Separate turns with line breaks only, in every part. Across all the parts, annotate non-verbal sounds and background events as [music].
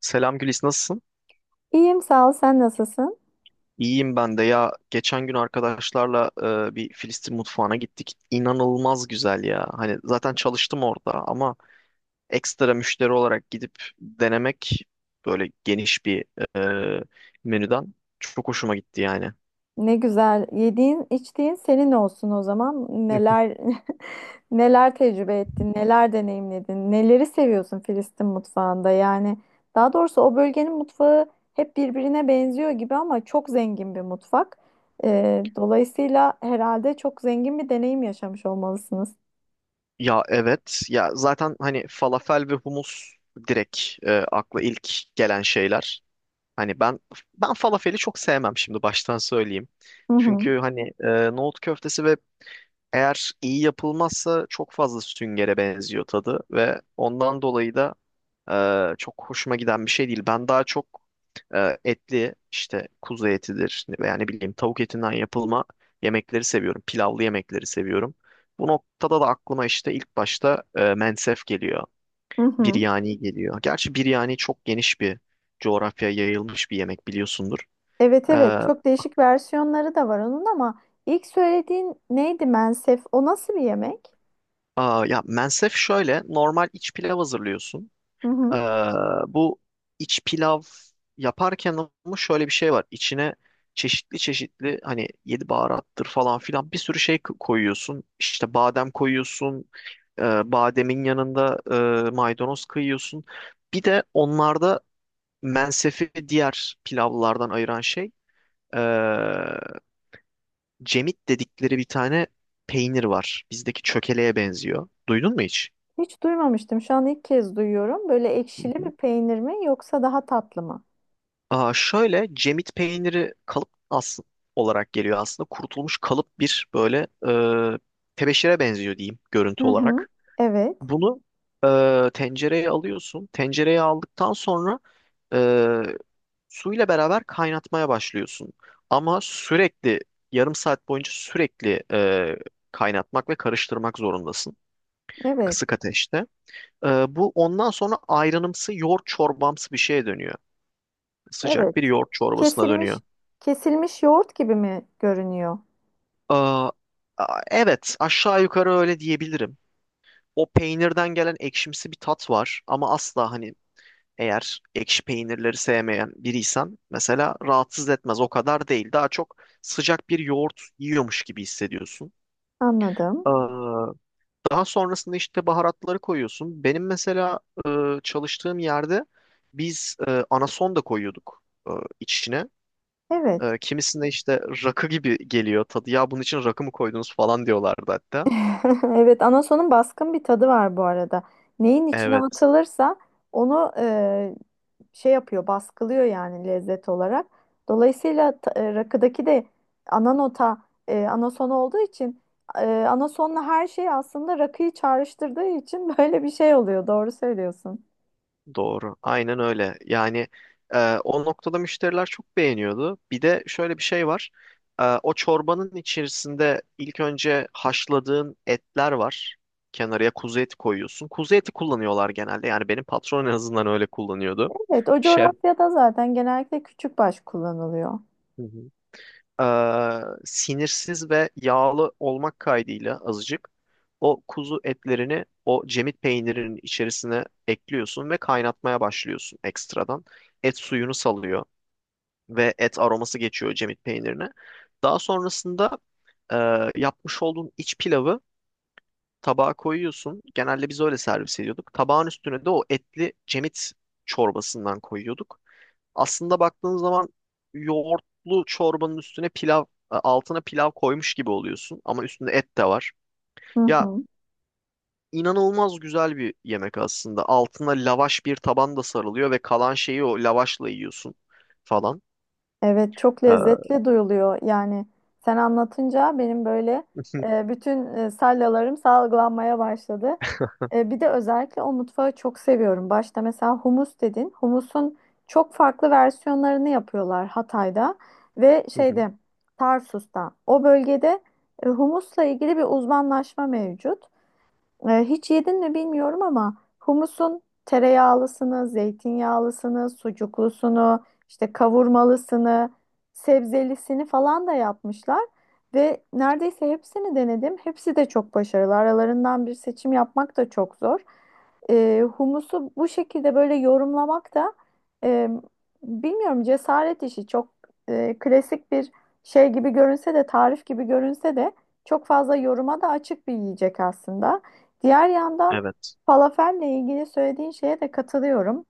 Selam Gülis, nasılsın?
İyiyim sağ ol. Sen nasılsın?
İyiyim ben de ya. Geçen gün arkadaşlarla bir Filistin mutfağına gittik. İnanılmaz güzel ya. Hani zaten çalıştım orada ama ekstra müşteri olarak gidip denemek, böyle geniş bir e, menüden çok hoşuma gitti yani.
Ne güzel. Yediğin, içtiğin senin olsun o zaman.
[laughs]
Neler [laughs] neler tecrübe ettin, neler deneyimledin, neleri seviyorsun Filistin mutfağında? Yani daha doğrusu o bölgenin mutfağı hep birbirine benziyor gibi ama çok zengin bir mutfak. Dolayısıyla herhalde çok zengin bir deneyim yaşamış olmalısınız.
Ya evet, ya zaten hani falafel ve humus direkt akla ilk gelen şeyler. Hani ben falafeli çok sevmem, şimdi baştan söyleyeyim.
Hı hı.
Çünkü hani nohut köftesi ve eğer iyi yapılmazsa çok fazla süngere benziyor tadı ve ondan dolayı da çok hoşuma giden bir şey değil. Ben daha çok etli, işte kuzu etidir veya ne bileyim tavuk etinden yapılma yemekleri seviyorum. Pilavlı yemekleri seviyorum. Bu noktada da aklıma işte ilk başta mensef geliyor.
Hı hı.
Biryani geliyor. Gerçi biryani çok geniş bir coğrafyaya yayılmış bir yemek, biliyorsundur.
Evet,
E,
evet, çok değişik versiyonları da var onun ama ilk söylediğin neydi, mensef? O nasıl bir yemek?
ya mensef şöyle, normal iç pilav hazırlıyorsun.
Hı
Ee,
hı.
bu iç pilav yaparken ama şöyle bir şey var. İçine çeşitli çeşitli, hani yedi baharattır falan filan, bir sürü şey koyuyorsun. İşte badem koyuyorsun. e, Bademin yanında maydanoz kıyıyorsun. Bir de onlarda mensefi diğer pilavlardan ayıran şey, e, cemit dedikleri bir tane peynir var. Bizdeki çökeleye benziyor. Duydun mu hiç?
Hiç duymamıştım. Şu an ilk kez duyuyorum. Böyle ekşili bir peynir mi yoksa daha tatlı mı?
Şöyle cemit peyniri kalıp olarak geliyor aslında. Kurutulmuş kalıp, bir böyle e, tebeşire benziyor diyeyim,
Hı
görüntü
hı.
olarak.
Evet.
Bunu tencereye alıyorsun. Tencereye aldıktan sonra e, suyla beraber kaynatmaya başlıyorsun. Ama sürekli, yarım saat boyunca sürekli kaynatmak ve karıştırmak zorundasın,
Evet.
kısık ateşte. Bu ondan sonra ayranımsı yoğurt, çorbamsı bir şeye dönüyor. Sıcak
Evet.
bir yoğurt çorbasına
Kesilmiş
dönüyor.
kesilmiş yoğurt gibi mi görünüyor?
Aa, evet, aşağı yukarı öyle diyebilirim. O peynirden gelen ekşimsi bir tat var ama asla, hani eğer ekşi peynirleri sevmeyen biriysen mesela, rahatsız etmez. O kadar değil. Daha çok sıcak bir yoğurt yiyormuş gibi hissediyorsun.
Anladım.
Aa, daha sonrasında işte baharatları koyuyorsun. Benim mesela e, çalıştığım yerde biz anason da koyuyorduk e, içine.
Evet.
Kimisinde işte rakı gibi geliyor tadı. Ya bunun için rakı mı koydunuz falan diyorlardı hatta.
[laughs] Evet, anasonun baskın bir tadı var bu arada. Neyin içine
Evet,
atılırsa onu şey yapıyor, baskılıyor yani lezzet olarak. Dolayısıyla rakıdaki de ana nota anason olduğu için anasonla her şey aslında rakıyı çağrıştırdığı için [laughs] böyle bir şey oluyor. Doğru söylüyorsun.
doğru. Aynen öyle. Yani e, o noktada müşteriler çok beğeniyordu. Bir de şöyle bir şey var. O çorbanın içerisinde ilk önce haşladığın etler var. Kenarıya kuzu eti koyuyorsun. Kuzu eti kullanıyorlar genelde. Yani benim patron en azından öyle kullanıyordu.
Evet, o
Şef.
coğrafyada zaten genellikle küçükbaş kullanılıyor.
Hı hı. Ee, sinirsiz ve yağlı olmak kaydıyla, azıcık o kuzu etlerini o cemit peynirinin içerisine ekliyorsun ve kaynatmaya başlıyorsun ekstradan. Et suyunu salıyor ve et aroması geçiyor cemit peynirine. Daha sonrasında e, yapmış olduğun iç pilavı tabağa koyuyorsun. Genelde biz öyle servis ediyorduk. Tabağın üstüne de o etli cemit çorbasından koyuyorduk. Aslında baktığın zaman yoğurtlu çorbanın üstüne pilav, altına pilav koymuş gibi oluyorsun ama üstünde et de var.
Hı
Ya,
hı.
inanılmaz güzel bir yemek aslında. Altına lavaş bir taban da sarılıyor ve kalan şeyi o lavaşla yiyorsun falan.
Evet, çok
Ee,
lezzetli duyuluyor. Yani sen anlatınca benim böyle
[laughs]
bütün salyalarım salgılanmaya başladı. E, bir de özellikle o mutfağı çok seviyorum. Başta mesela humus dedin. Humusun çok farklı versiyonlarını yapıyorlar Hatay'da ve
Hı hı.
şeyde, Tarsus'ta. O bölgede humusla ilgili bir uzmanlaşma mevcut. Hiç yedin mi bilmiyorum ama humusun tereyağlısını, zeytinyağlısını, sucuklusunu, işte kavurmalısını, sebzelisini falan da yapmışlar. Ve neredeyse hepsini denedim. Hepsi de çok başarılı. Aralarından bir seçim yapmak da çok zor. Humusu bu şekilde böyle yorumlamak da e, bilmiyorum, cesaret işi. Çok klasik bir şey gibi görünse de, tarif gibi görünse de çok fazla yoruma da açık bir yiyecek aslında. Diğer yandan
Evet,
falafelle ilgili söylediğin şeye de katılıyorum,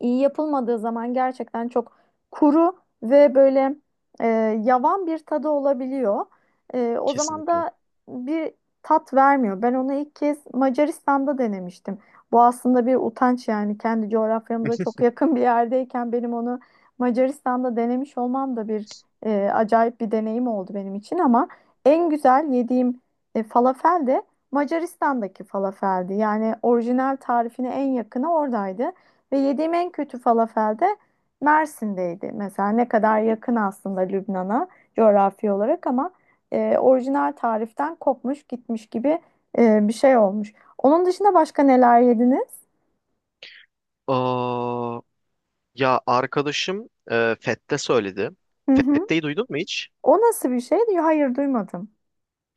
iyi yapılmadığı zaman gerçekten çok kuru ve böyle e, yavan bir tadı olabiliyor. E, o zaman
kesinlikle.
da bir tat vermiyor. Ben onu ilk kez Macaristan'da denemiştim. Bu aslında bir utanç yani, kendi coğrafyamıza çok yakın bir yerdeyken benim onu Macaristan'da denemiş olmam da bir acayip bir deneyim oldu benim için ama en güzel yediğim falafel de Macaristan'daki falafeldi. Yani orijinal tarifine en yakını oradaydı. Ve yediğim en kötü falafel de Mersin'deydi. Mesela ne kadar yakın aslında Lübnan'a coğrafi olarak ama orijinal tariften kopmuş gitmiş gibi bir şey olmuş. Onun dışında başka neler yediniz?
Aa, ya arkadaşım Fette söyledi.
Hı hı.
Fette'yi duydun mu hiç?
O nasıl bir şey? Hayır, duymadım.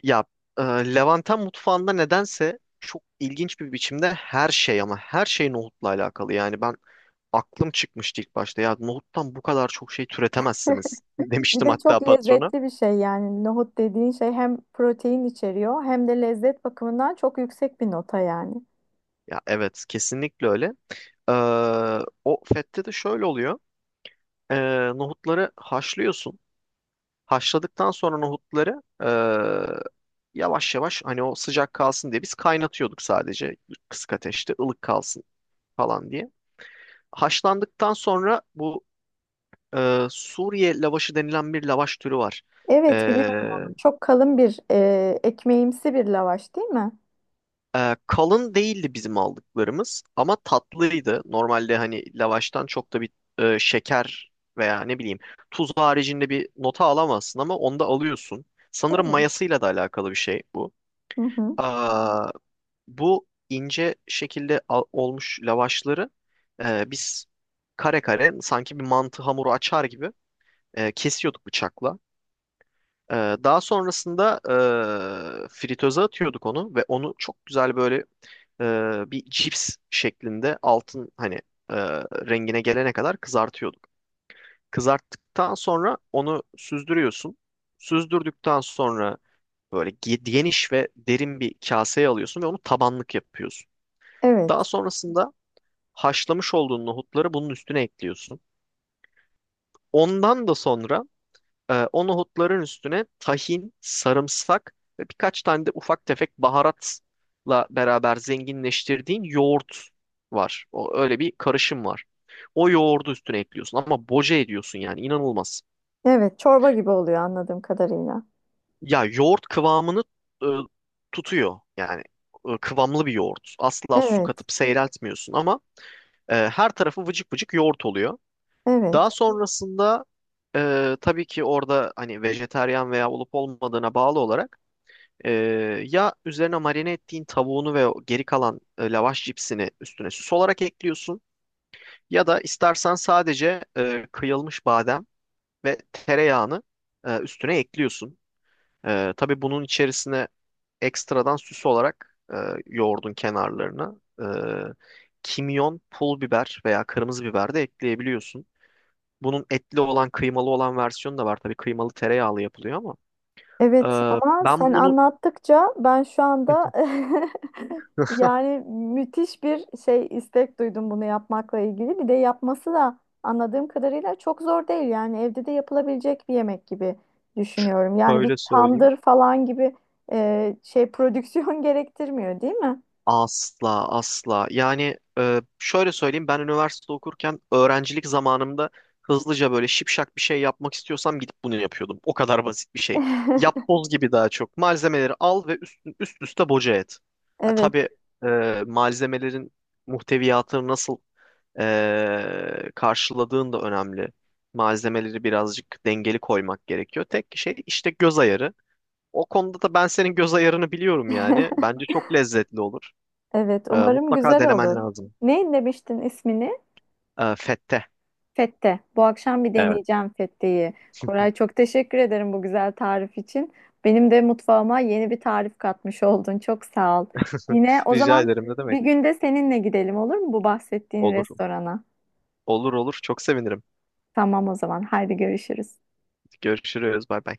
Ya e, Levanten mutfağında nedense çok ilginç bir biçimde her şey, ama her şey nohutla alakalı. Yani ben, aklım çıkmıştı ilk başta. Ya nohuttan bu kadar çok şey türetemezsiniz [laughs]
Bir
demiştim
de
hatta
çok
patrona.
lezzetli bir şey yani, nohut dediğin şey hem protein içeriyor hem de lezzet bakımından çok yüksek bir nota yani.
Ya evet, kesinlikle öyle. Ee, o fette de şöyle oluyor. Ee, nohutları haşlıyorsun. Haşladıktan sonra nohutları yavaş yavaş, hani o sıcak kalsın diye biz kaynatıyorduk sadece, kısık ateşte ılık kalsın falan diye. Haşlandıktan sonra bu Suriye lavaşı denilen bir lavaş türü var.
Evet, biliyorum
E,
onu. Çok kalın bir ekmeğimsi bir lavaş değil mi?
Kalın değildi bizim aldıklarımız ama tatlıydı. Normalde hani lavaştan çok da bir şeker veya ne bileyim tuz haricinde bir nota alamazsın ama onda alıyorsun. Sanırım
Evet.
mayasıyla da alakalı bir şey bu.
Hı hı.
Aa, bu ince şekilde olmuş lavaşları biz kare kare, sanki bir mantı hamuru açar gibi, kesiyorduk bıçakla. Ee, daha sonrasında fritöze atıyorduk onu ve onu çok güzel, böyle bir cips şeklinde, altın hani e, rengine gelene kadar kızartıyorduk. Kızarttıktan sonra onu süzdürüyorsun. Süzdürdükten sonra böyle geniş ve derin bir kaseye alıyorsun ve onu tabanlık yapıyorsun.
Evet.
Daha sonrasında haşlamış olduğun nohutları bunun üstüne ekliyorsun. Ondan da sonra, o nohutların üstüne tahin, sarımsak ve birkaç tane de ufak tefek baharatla beraber zenginleştirdiğin yoğurt var. O, öyle bir karışım var. O yoğurdu üstüne ekliyorsun ama boca ediyorsun yani, inanılmaz.
Evet, çorba gibi oluyor anladığım kadarıyla.
Ya, yoğurt kıvamını e, tutuyor yani, kıvamlı bir yoğurt. Asla su
Evet,
katıp seyreltmiyorsun ama her tarafı vıcık vıcık yoğurt oluyor.
evet,
Daha sonrasında tabii ki orada, hani vejetaryen veya olup olmadığına bağlı olarak, Ee, ya üzerine marine ettiğin tavuğunu ve o geri kalan lavaş cipsini üstüne süs olarak ekliyorsun. Ya da istersen sadece kıyılmış badem ve tereyağını üstüne ekliyorsun. Tabii bunun içerisine ekstradan süs olarak, yoğurdun kenarlarına, E, kimyon, pul biber veya kırmızı biber de ekleyebiliyorsun. Bunun etli olan, kıymalı olan versiyonu da var. Tabii kıymalı tereyağlı yapılıyor ama.
evet,
E,
ama sen
ben bunu
anlattıkça ben şu anda
[laughs]
[laughs] yani müthiş bir şey, istek duydum bunu yapmakla ilgili. Bir de yapması da anladığım kadarıyla çok zor değil, yani evde de yapılabilecek bir yemek gibi düşünüyorum. Yani bir
böyle söyleyeyim.
tandır falan gibi şey, prodüksiyon [laughs] gerektirmiyor değil mi?
Asla asla. Yani şöyle söyleyeyim, ben üniversite okurken, öğrencilik zamanımda hızlıca böyle şipşak bir şey yapmak istiyorsam gidip bunu yapıyordum. O kadar basit bir şey.
[laughs]
Yapboz gibi daha çok. Malzemeleri al ve üst üste boca et. Ha,
Evet.
tabii malzemelerin muhteviyatını nasıl karşıladığın da önemli. Malzemeleri birazcık dengeli koymak gerekiyor. Tek şey işte göz ayarı. O konuda da ben senin göz ayarını biliyorum yani.
[laughs]
Bence çok lezzetli olur.
Evet,
Ee,
umarım
mutlaka
güzel
denemen
olur.
lazım.
Ne demiştin ismini?
Fette.
Fette. Bu akşam bir
Evet.
deneyeceğim fetteyi. Koray, çok teşekkür ederim bu güzel tarif için. Benim de mutfağıma yeni bir tarif katmış oldun. Çok sağ ol. Yine o
Rica
zaman
ederim, ne
bir
demek?
günde seninle gidelim, olur mu, bu bahsettiğin
Olur.
restorana?
Olur olur. Çok sevinirim.
Tamam o zaman. Haydi görüşürüz.
Görüşürüz. Bay bay.